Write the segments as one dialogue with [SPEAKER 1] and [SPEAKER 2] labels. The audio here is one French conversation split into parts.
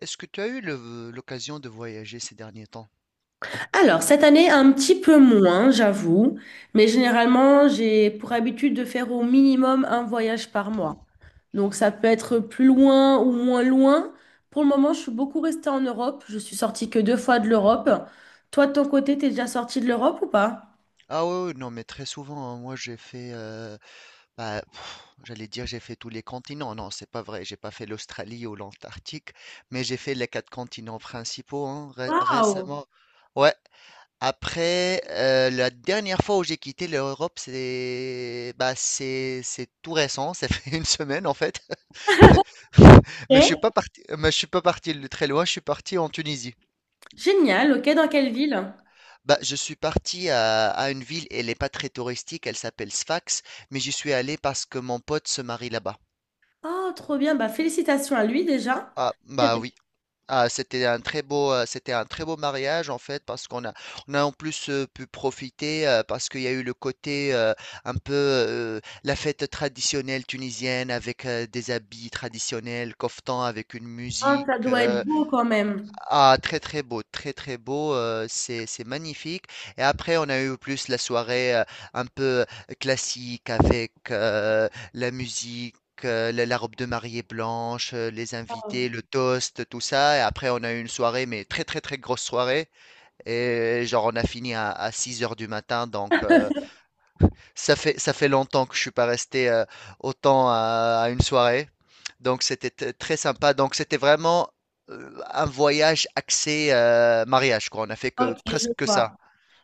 [SPEAKER 1] Est-ce que tu as eu l'occasion de voyager ces derniers temps?
[SPEAKER 2] Alors, cette année, un petit peu moins, j'avoue, mais généralement, j'ai pour habitude de faire au minimum un voyage par mois. Donc, ça peut être plus loin ou moins loin. Pour le moment, je suis beaucoup restée en Europe. Je suis sortie que 2 fois de l'Europe. Toi, de ton côté, t'es déjà sortie de l'Europe ou pas?
[SPEAKER 1] Ah ouais, ouais, non, mais très souvent, hein, moi j'ai fait, j'allais dire j'ai fait tous les continents. Non, c'est pas vrai, j'ai pas fait l'Australie ou l'Antarctique, mais j'ai fait les quatre continents principaux hein,
[SPEAKER 2] Waouh!
[SPEAKER 1] récemment. Ouais. Après, la dernière fois où j'ai quitté l'Europe, c'est tout récent. Ça fait une semaine en fait.
[SPEAKER 2] Ok.
[SPEAKER 1] Mais je suis pas parti de très loin. Je suis parti en Tunisie.
[SPEAKER 2] Génial, ok, dans quelle ville?
[SPEAKER 1] Bah, je suis parti à une ville, elle n'est pas très touristique, elle s'appelle Sfax, mais j'y suis allé parce que mon pote se marie là-bas.
[SPEAKER 2] Oh, trop bien, bah félicitations à lui déjà.
[SPEAKER 1] Ah,
[SPEAKER 2] Très
[SPEAKER 1] bah
[SPEAKER 2] bien.
[SPEAKER 1] oui. Ah, c'était un très beau mariage en fait, on a en plus pu profiter, parce qu'il y a eu le côté un peu la fête traditionnelle tunisienne avec des habits traditionnels, koftan avec une
[SPEAKER 2] Ah,
[SPEAKER 1] musique.
[SPEAKER 2] ça doit être beau quand même.
[SPEAKER 1] Ah, très très beau, c'est magnifique. Et après, on a eu plus la soirée un peu classique avec la musique, la robe de mariée blanche, les
[SPEAKER 2] Waouh.
[SPEAKER 1] invités, le toast, tout ça. Et après, on a eu une soirée, mais très très très grosse soirée. Et genre, on a fini à 6 heures du matin, donc ça fait longtemps que je suis pas resté autant à une soirée. Donc c'était très sympa. Donc c'était vraiment un voyage axé mariage, quoi. On a fait que
[SPEAKER 2] Ok, je
[SPEAKER 1] presque que ça.
[SPEAKER 2] vois.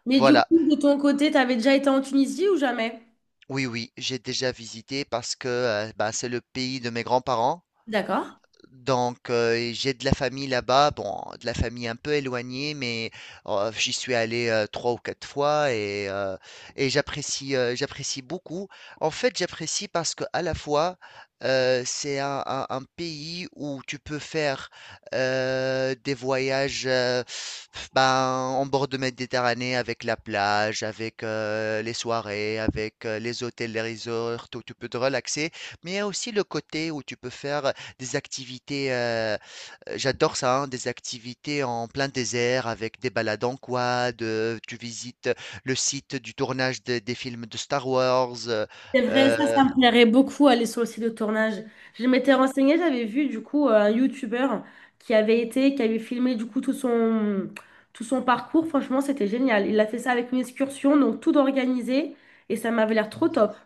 [SPEAKER 2] Mais du coup,
[SPEAKER 1] Voilà.
[SPEAKER 2] de ton côté, t'avais déjà été en Tunisie ou jamais?
[SPEAKER 1] Oui, oui, j'ai déjà visité parce que c'est le pays de mes grands-parents.
[SPEAKER 2] D'accord.
[SPEAKER 1] Donc, j'ai de la famille là-bas, bon, de la famille un peu éloignée, mais j'y suis allé trois ou quatre fois et j'apprécie beaucoup. En fait, j'apprécie parce que à la fois, un pays où tu peux faire des voyages ben, en bord de Méditerranée avec la plage, avec les soirées, avec les hôtels, les resorts, où tu peux te relaxer, mais il y a aussi le côté où tu peux faire des activités, j'adore ça, hein, des activités en plein désert avec des balades en quad, tu visites le site du tournage des films de Star Wars,
[SPEAKER 2] C'est vrai, ça me plairait beaucoup aller sur le site de tournage. Je m'étais renseignée, j'avais vu du coup un YouTuber qui avait été, qui avait filmé du coup tout son parcours. Franchement, c'était génial. Il a fait ça avec une excursion, donc tout organisé et ça m'avait l'air trop top.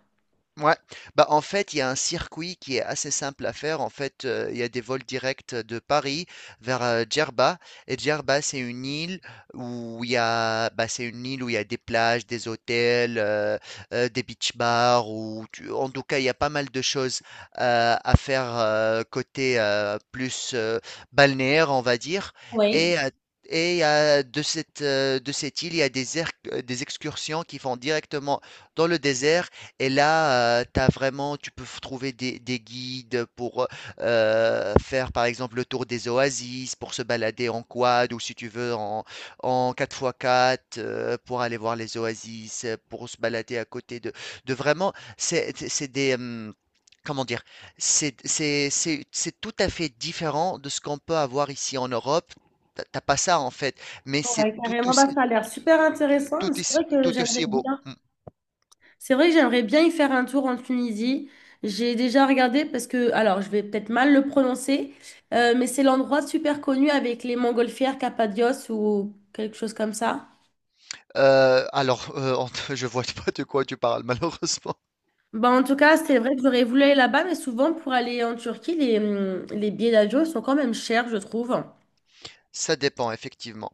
[SPEAKER 1] Ouais, bah, en fait, il y a un circuit qui est assez simple à faire. En fait, il y a des vols directs de Paris vers, Djerba et Djerba, c'est une île où il y a c'est une île où il y a des plages, des hôtels, des beach bars ou tu en tout cas, il y a pas mal de choses, à faire, côté, plus, balnéaire, on va dire
[SPEAKER 2] Oui.
[SPEAKER 1] et heu et il y a de cette île, il y a des excursions qui font directement dans le désert et là, tu peux trouver des guides pour faire par exemple le tour des oasis, pour se balader en quad ou si tu veux en 4x4, pour aller voir les oasis, pour se balader à côté de vraiment, c'est des... comment dire, c'est tout à fait différent de ce qu'on peut avoir ici en Europe. T'as pas ça en fait, mais c'est
[SPEAKER 2] Ouais,
[SPEAKER 1] tout
[SPEAKER 2] carrément,
[SPEAKER 1] aussi,
[SPEAKER 2] bah, ça a l'air
[SPEAKER 1] tout,
[SPEAKER 2] super intéressant. C'est vrai que
[SPEAKER 1] tout
[SPEAKER 2] j'aimerais
[SPEAKER 1] aussi beau.
[SPEAKER 2] bien.
[SPEAKER 1] Mm.
[SPEAKER 2] C'est vrai que j'aimerais bien y faire un tour en Tunisie. J'ai déjà regardé parce que, alors je vais peut-être mal le prononcer, mais c'est l'endroit super connu avec les montgolfières, Cappadoce ou quelque chose comme ça.
[SPEAKER 1] Alors, en je vois pas de quoi tu parles malheureusement.
[SPEAKER 2] Bah, en tout cas, c'est vrai que j'aurais voulu aller là-bas, mais souvent pour aller en Turquie, les billets d'avion sont quand même chers, je trouve.
[SPEAKER 1] Ça dépend effectivement,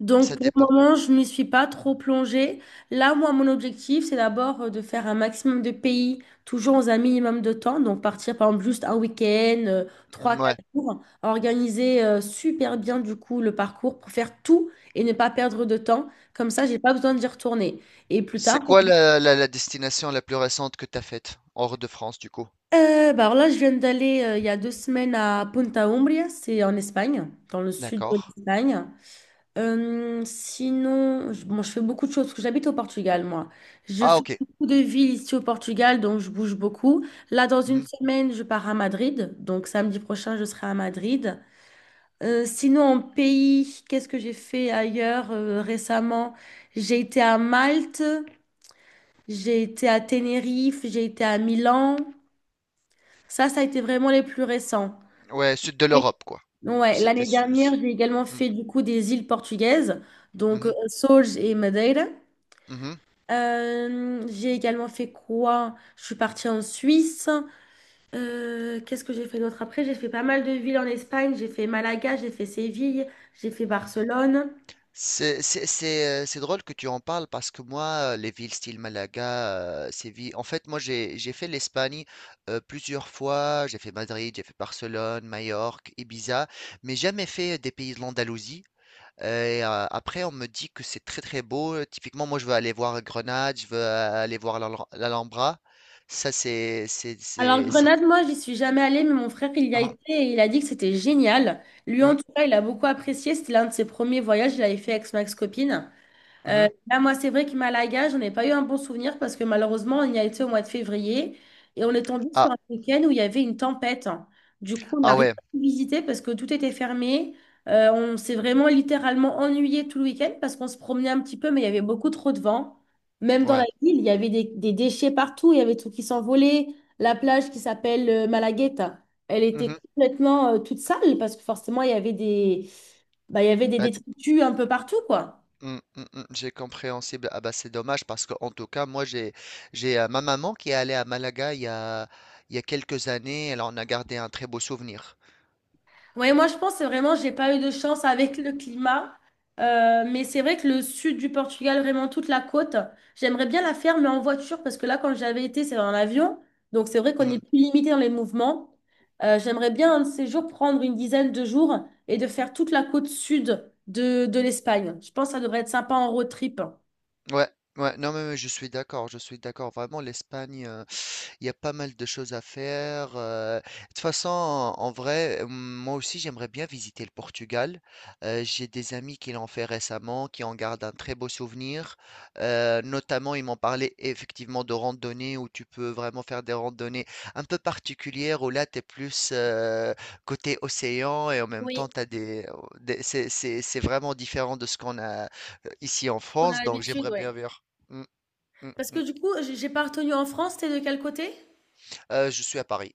[SPEAKER 2] Donc,
[SPEAKER 1] ça
[SPEAKER 2] pour le
[SPEAKER 1] dépend.
[SPEAKER 2] moment, je ne m'y suis pas trop plongée. Là, moi, mon objectif, c'est d'abord de faire un maximum de pays, toujours dans un minimum de temps. Donc, partir, par exemple, juste un week-end, trois,
[SPEAKER 1] Mmh, ouais.
[SPEAKER 2] quatre jours, organiser super bien, du coup, le parcours pour faire tout et ne pas perdre de temps. Comme ça, j'ai pas besoin d'y retourner. Et plus tard,
[SPEAKER 1] C'est quoi la destination la plus récente que tu as faite? Hors de France du coup?
[SPEAKER 2] Bah alors là, je viens d'aller il y a 2 semaines à Punta Umbria, c'est en Espagne, dans le sud de
[SPEAKER 1] D'accord.
[SPEAKER 2] l'Espagne. Sinon, je, bon, je fais beaucoup de choses parce que j'habite au Portugal, moi. Je
[SPEAKER 1] Ah
[SPEAKER 2] fais
[SPEAKER 1] OK.
[SPEAKER 2] Beaucoup de villes ici au Portugal, donc je bouge beaucoup. Là, dans une
[SPEAKER 1] Mmh.
[SPEAKER 2] semaine, je pars à Madrid. Donc, samedi prochain, je serai à Madrid. Sinon, en pays, qu'est-ce que j'ai fait ailleurs récemment? J'ai été à Malte, j'ai été à Tenerife, j'ai été à Milan. Ça a été vraiment les plus récents.
[SPEAKER 1] Ouais, sud de l'Europe quoi.
[SPEAKER 2] Ouais,
[SPEAKER 1] C'était
[SPEAKER 2] l'année
[SPEAKER 1] ce
[SPEAKER 2] dernière,
[SPEAKER 1] ce
[SPEAKER 2] j'ai également
[SPEAKER 1] mmh.
[SPEAKER 2] fait du coup des îles portugaises,
[SPEAKER 1] Mmh
[SPEAKER 2] donc
[SPEAKER 1] mh.
[SPEAKER 2] Açores et Madeira.
[SPEAKER 1] Mmh.
[SPEAKER 2] J'ai également fait quoi? Je suis partie en Suisse. Qu'est-ce que j'ai fait d'autre après? J'ai fait pas mal de villes en Espagne. J'ai fait Malaga, j'ai fait Séville, j'ai fait Barcelone.
[SPEAKER 1] C'est drôle que tu en parles parce que moi, les villes style Malaga, Séville, en fait, moi, j'ai fait l'Espagne plusieurs fois. J'ai fait Madrid, j'ai fait Barcelone, Majorque, Ibiza, mais jamais fait des pays de l'Andalousie. Et après, on me dit que c'est très très beau. Typiquement, moi, je veux aller voir Grenade, je veux aller voir l'Alhambra. Ça,
[SPEAKER 2] Alors
[SPEAKER 1] c'est-
[SPEAKER 2] Grenade, moi, j'y suis jamais allée, mais mon frère, il y a
[SPEAKER 1] ah,
[SPEAKER 2] été et il a dit que c'était génial. Lui, en tout cas, il a beaucoup apprécié. C'était l'un de ses premiers voyages. Il avait fait avec son ex-copine.
[SPEAKER 1] mhm, mhm.
[SPEAKER 2] Là, moi, c'est vrai que Malaga, j'en ai pas eu un bon souvenir parce que malheureusement, on y a été au mois de février et on est tombé sur
[SPEAKER 1] Ah,
[SPEAKER 2] un week-end où il y avait une tempête. Du coup, on n'a
[SPEAKER 1] ah
[SPEAKER 2] rien
[SPEAKER 1] ouais,
[SPEAKER 2] pu visiter parce que tout était fermé. On s'est vraiment littéralement ennuyé tout le week-end parce qu'on se promenait un petit peu, mais il y avait beaucoup trop de vent. Même dans la
[SPEAKER 1] ouais.
[SPEAKER 2] ville, il y avait des déchets partout, il y avait des trucs qui s'envolaient. La plage qui s'appelle Malagueta, elle était
[SPEAKER 1] Mhm.
[SPEAKER 2] complètement toute sale parce que forcément, il y avait des, bah, il y avait des
[SPEAKER 1] Bah,
[SPEAKER 2] détritus un peu partout, quoi.
[SPEAKER 1] mm, mm, mm, j'ai compréhensible. Ah bah c'est dommage parce que en tout cas moi j'ai ma maman qui est allée à Malaga il y a quelques années. Elle en a gardé un très beau souvenir.
[SPEAKER 2] Oui, moi je pense que vraiment, j'ai pas eu de chance avec le climat. Mais c'est vrai que le sud du Portugal, vraiment toute la côte, j'aimerais bien la faire, mais en voiture, parce que là, quand j'avais été, c'est dans l'avion. Donc c'est vrai qu'on est
[SPEAKER 1] Mhm.
[SPEAKER 2] plus limité dans les mouvements. J'aimerais bien un de ces jours prendre une dizaine de jours et de faire toute la côte sud de l'Espagne. Je pense que ça devrait être sympa en road trip.
[SPEAKER 1] Ouais ouais non mais mais je suis d'accord vraiment l'Espagne. Il y a pas mal de choses à faire. De toute façon, en vrai, moi aussi, j'aimerais bien visiter le Portugal. J'ai des amis qui l'ont fait récemment, qui en gardent un très beau souvenir. Notamment, ils m'ont parlé effectivement de randonnées où tu peux vraiment faire des randonnées un peu particulières, où là, tu es plus côté océan et en même temps,
[SPEAKER 2] Oui,
[SPEAKER 1] c'est, c'est vraiment différent de ce qu'on a ici en
[SPEAKER 2] parce qu'on a
[SPEAKER 1] France. Donc,
[SPEAKER 2] l'habitude,
[SPEAKER 1] j'aimerais
[SPEAKER 2] ouais.
[SPEAKER 1] bien voir. Mm, mm,
[SPEAKER 2] Parce que
[SPEAKER 1] mm.
[SPEAKER 2] du coup, j'ai pas retenu en France, t'es de quel côté?
[SPEAKER 1] Je suis à Paris.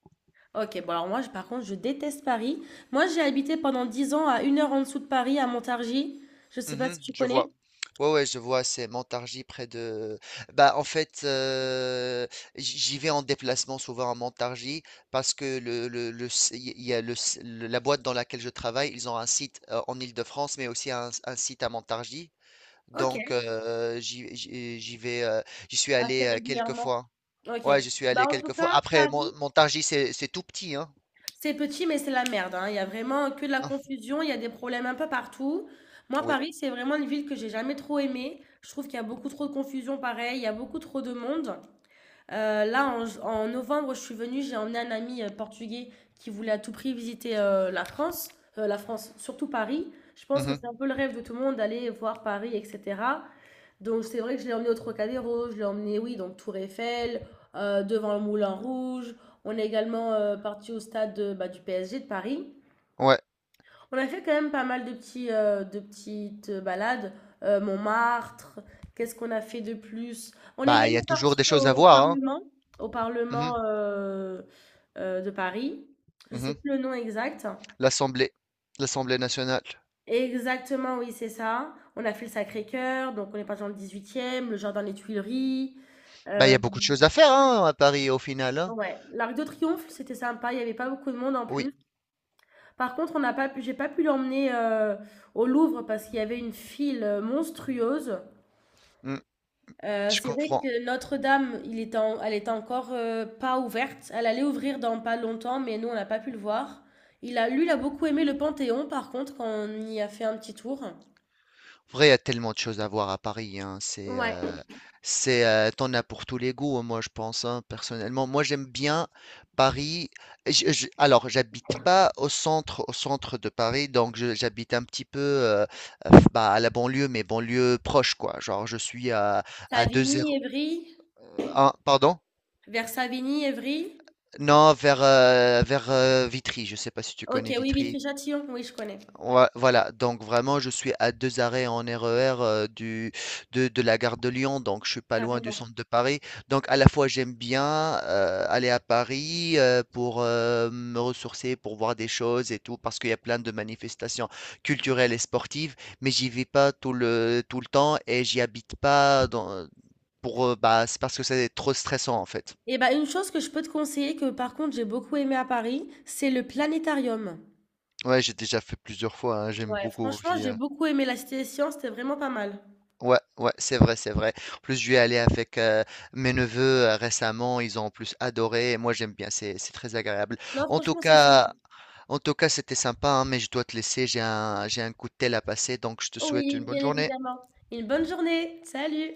[SPEAKER 2] OK, bon alors moi, je par contre, je déteste Paris. Moi, j'ai habité pendant 10 ans à une heure en dessous de Paris, à Montargis. Je sais pas si
[SPEAKER 1] Mhm,
[SPEAKER 2] tu
[SPEAKER 1] je
[SPEAKER 2] connais?
[SPEAKER 1] vois. Ouais, ouais, je vois, c'est Montargis près de... Bah, en fait, j'y vais en déplacement souvent à Montargis parce que il y a la boîte dans laquelle je travaille, ils ont un site en Île-de-France, mais aussi un site à Montargis. Donc,
[SPEAKER 2] OK.
[SPEAKER 1] j'y vais, j'y suis
[SPEAKER 2] Assez
[SPEAKER 1] allé quelques
[SPEAKER 2] régulièrement.
[SPEAKER 1] fois.
[SPEAKER 2] OK.
[SPEAKER 1] Ouais, j'y suis
[SPEAKER 2] Bah,
[SPEAKER 1] allé
[SPEAKER 2] en tout
[SPEAKER 1] quelques fois.
[SPEAKER 2] cas,
[SPEAKER 1] Après,
[SPEAKER 2] Paris,
[SPEAKER 1] Montargis, c'est tout petit, hein.
[SPEAKER 2] c'est petit, mais c'est la merde, hein. Il y a vraiment que de la
[SPEAKER 1] Hein,
[SPEAKER 2] confusion, il y a des problèmes un peu partout. Moi,
[SPEAKER 1] oui.
[SPEAKER 2] Paris, c'est vraiment une ville que j'ai jamais trop aimée. Je trouve qu'il y a beaucoup trop de confusion, pareil, il y a beaucoup trop de monde. Là, en, en novembre, je suis venue, j'ai emmené un ami portugais qui voulait à tout prix visiter la France, surtout Paris. Je pense que
[SPEAKER 1] Mhm,
[SPEAKER 2] c'est un peu le rêve de tout le monde d'aller voir Paris, etc. Donc c'est vrai que je l'ai emmené au Trocadéro, je l'ai emmené, oui, donc Tour Eiffel, devant le Moulin Rouge. On est également parti au stade de- bah, du PSG de Paris.
[SPEAKER 1] ouais.
[SPEAKER 2] On a fait quand même pas mal de petits, de petites balades. Montmartre, qu'est-ce qu'on a fait de plus? On est
[SPEAKER 1] Bah, il y a
[SPEAKER 2] également
[SPEAKER 1] toujours
[SPEAKER 2] parti
[SPEAKER 1] des choses à voir, hein.
[SPEAKER 2] Au
[SPEAKER 1] Mhm,
[SPEAKER 2] Parlement de Paris. Je sais
[SPEAKER 1] mhm.
[SPEAKER 2] plus le nom exact.
[SPEAKER 1] L'Assemblée, l'Assemblée nationale.
[SPEAKER 2] Exactement, oui, c'est ça. On a fait le Sacré-Cœur, donc on est parti dans le 18e, le Jardin des Tuileries.
[SPEAKER 1] Bah, il y
[SPEAKER 2] Euh,
[SPEAKER 1] a beaucoup de choses à faire hein, à Paris au final. Hein.
[SPEAKER 2] ouais, l'Arc de Triomphe, c'était sympa, il n'y avait pas beaucoup de monde en
[SPEAKER 1] Oui,
[SPEAKER 2] plus. Par contre, on n'a pas pu, j'ai pas pu l'emmener au Louvre parce qu'il y avait une file monstrueuse.
[SPEAKER 1] mm, je
[SPEAKER 2] C'est vrai
[SPEAKER 1] comprends.
[SPEAKER 2] que Notre-Dame, il était en elle était encore, pas ouverte. Elle allait ouvrir dans pas longtemps, mais nous, on n'a pas pu le voir. Il a lui, il a beaucoup aimé le Panthéon, par contre, quand on y a fait un petit tour.
[SPEAKER 1] En vrai, il y a tellement de choses à voir à Paris. Hein, c'est,
[SPEAKER 2] Ouais.
[SPEAKER 1] c'est, t'en as pour tous les goûts. Hein, moi, je pense hein, personnellement. Moi, j'aime bien Paris. Alors, j'habite pas au centre, au centre de Paris, donc j'habite un petit peu à la banlieue, mais banlieue proche, quoi. Genre, je suis à deux
[SPEAKER 2] Savigny,
[SPEAKER 1] zéro
[SPEAKER 2] Évry,
[SPEAKER 1] un pardon?
[SPEAKER 2] vers Savigny, Évry.
[SPEAKER 1] Non, vers, vers Vitry, je sais pas si tu
[SPEAKER 2] OK,
[SPEAKER 1] connais
[SPEAKER 2] oui,
[SPEAKER 1] Vitry.
[SPEAKER 2] Vitry-Châtillon, oui, je connais,
[SPEAKER 1] Ouais, voilà, donc vraiment, je suis à deux arrêts en RER de la gare de Lyon, donc je suis pas loin du
[SPEAKER 2] carrément.
[SPEAKER 1] centre de Paris. Donc à la fois, j'aime bien aller à Paris pour me ressourcer, pour voir des choses et tout, parce qu'il y a plein de manifestations culturelles et sportives, mais j'y vais pas tout le temps et j'y habite pas dans, pour, c'est parce que c'est trop stressant en fait.
[SPEAKER 2] Et bah, une chose que je peux te conseiller, que par contre, j'ai beaucoup aimé à Paris, c'est le planétarium.
[SPEAKER 1] Ouais, j'ai déjà fait plusieurs fois, hein, j'aime
[SPEAKER 2] Ouais,
[SPEAKER 1] beaucoup
[SPEAKER 2] franchement,
[SPEAKER 1] aussi.
[SPEAKER 2] j'ai beaucoup aimé la Cité des sciences, c'était vraiment pas mal.
[SPEAKER 1] Ouais, ouais, c'est vrai, c'est vrai. En plus, je suis allé avec mes neveux récemment, ils ont en plus adoré, et moi j'aime bien, c'est très agréable.
[SPEAKER 2] Non,
[SPEAKER 1] En tout
[SPEAKER 2] franchement, c'est ça.
[SPEAKER 1] cas, en tout cas, c'était sympa, hein, mais je dois te laisser, j'ai un coup de tel à passer, donc je te souhaite
[SPEAKER 2] Oui,
[SPEAKER 1] une bonne
[SPEAKER 2] bien
[SPEAKER 1] journée.
[SPEAKER 2] évidemment. Une bonne journée. Salut.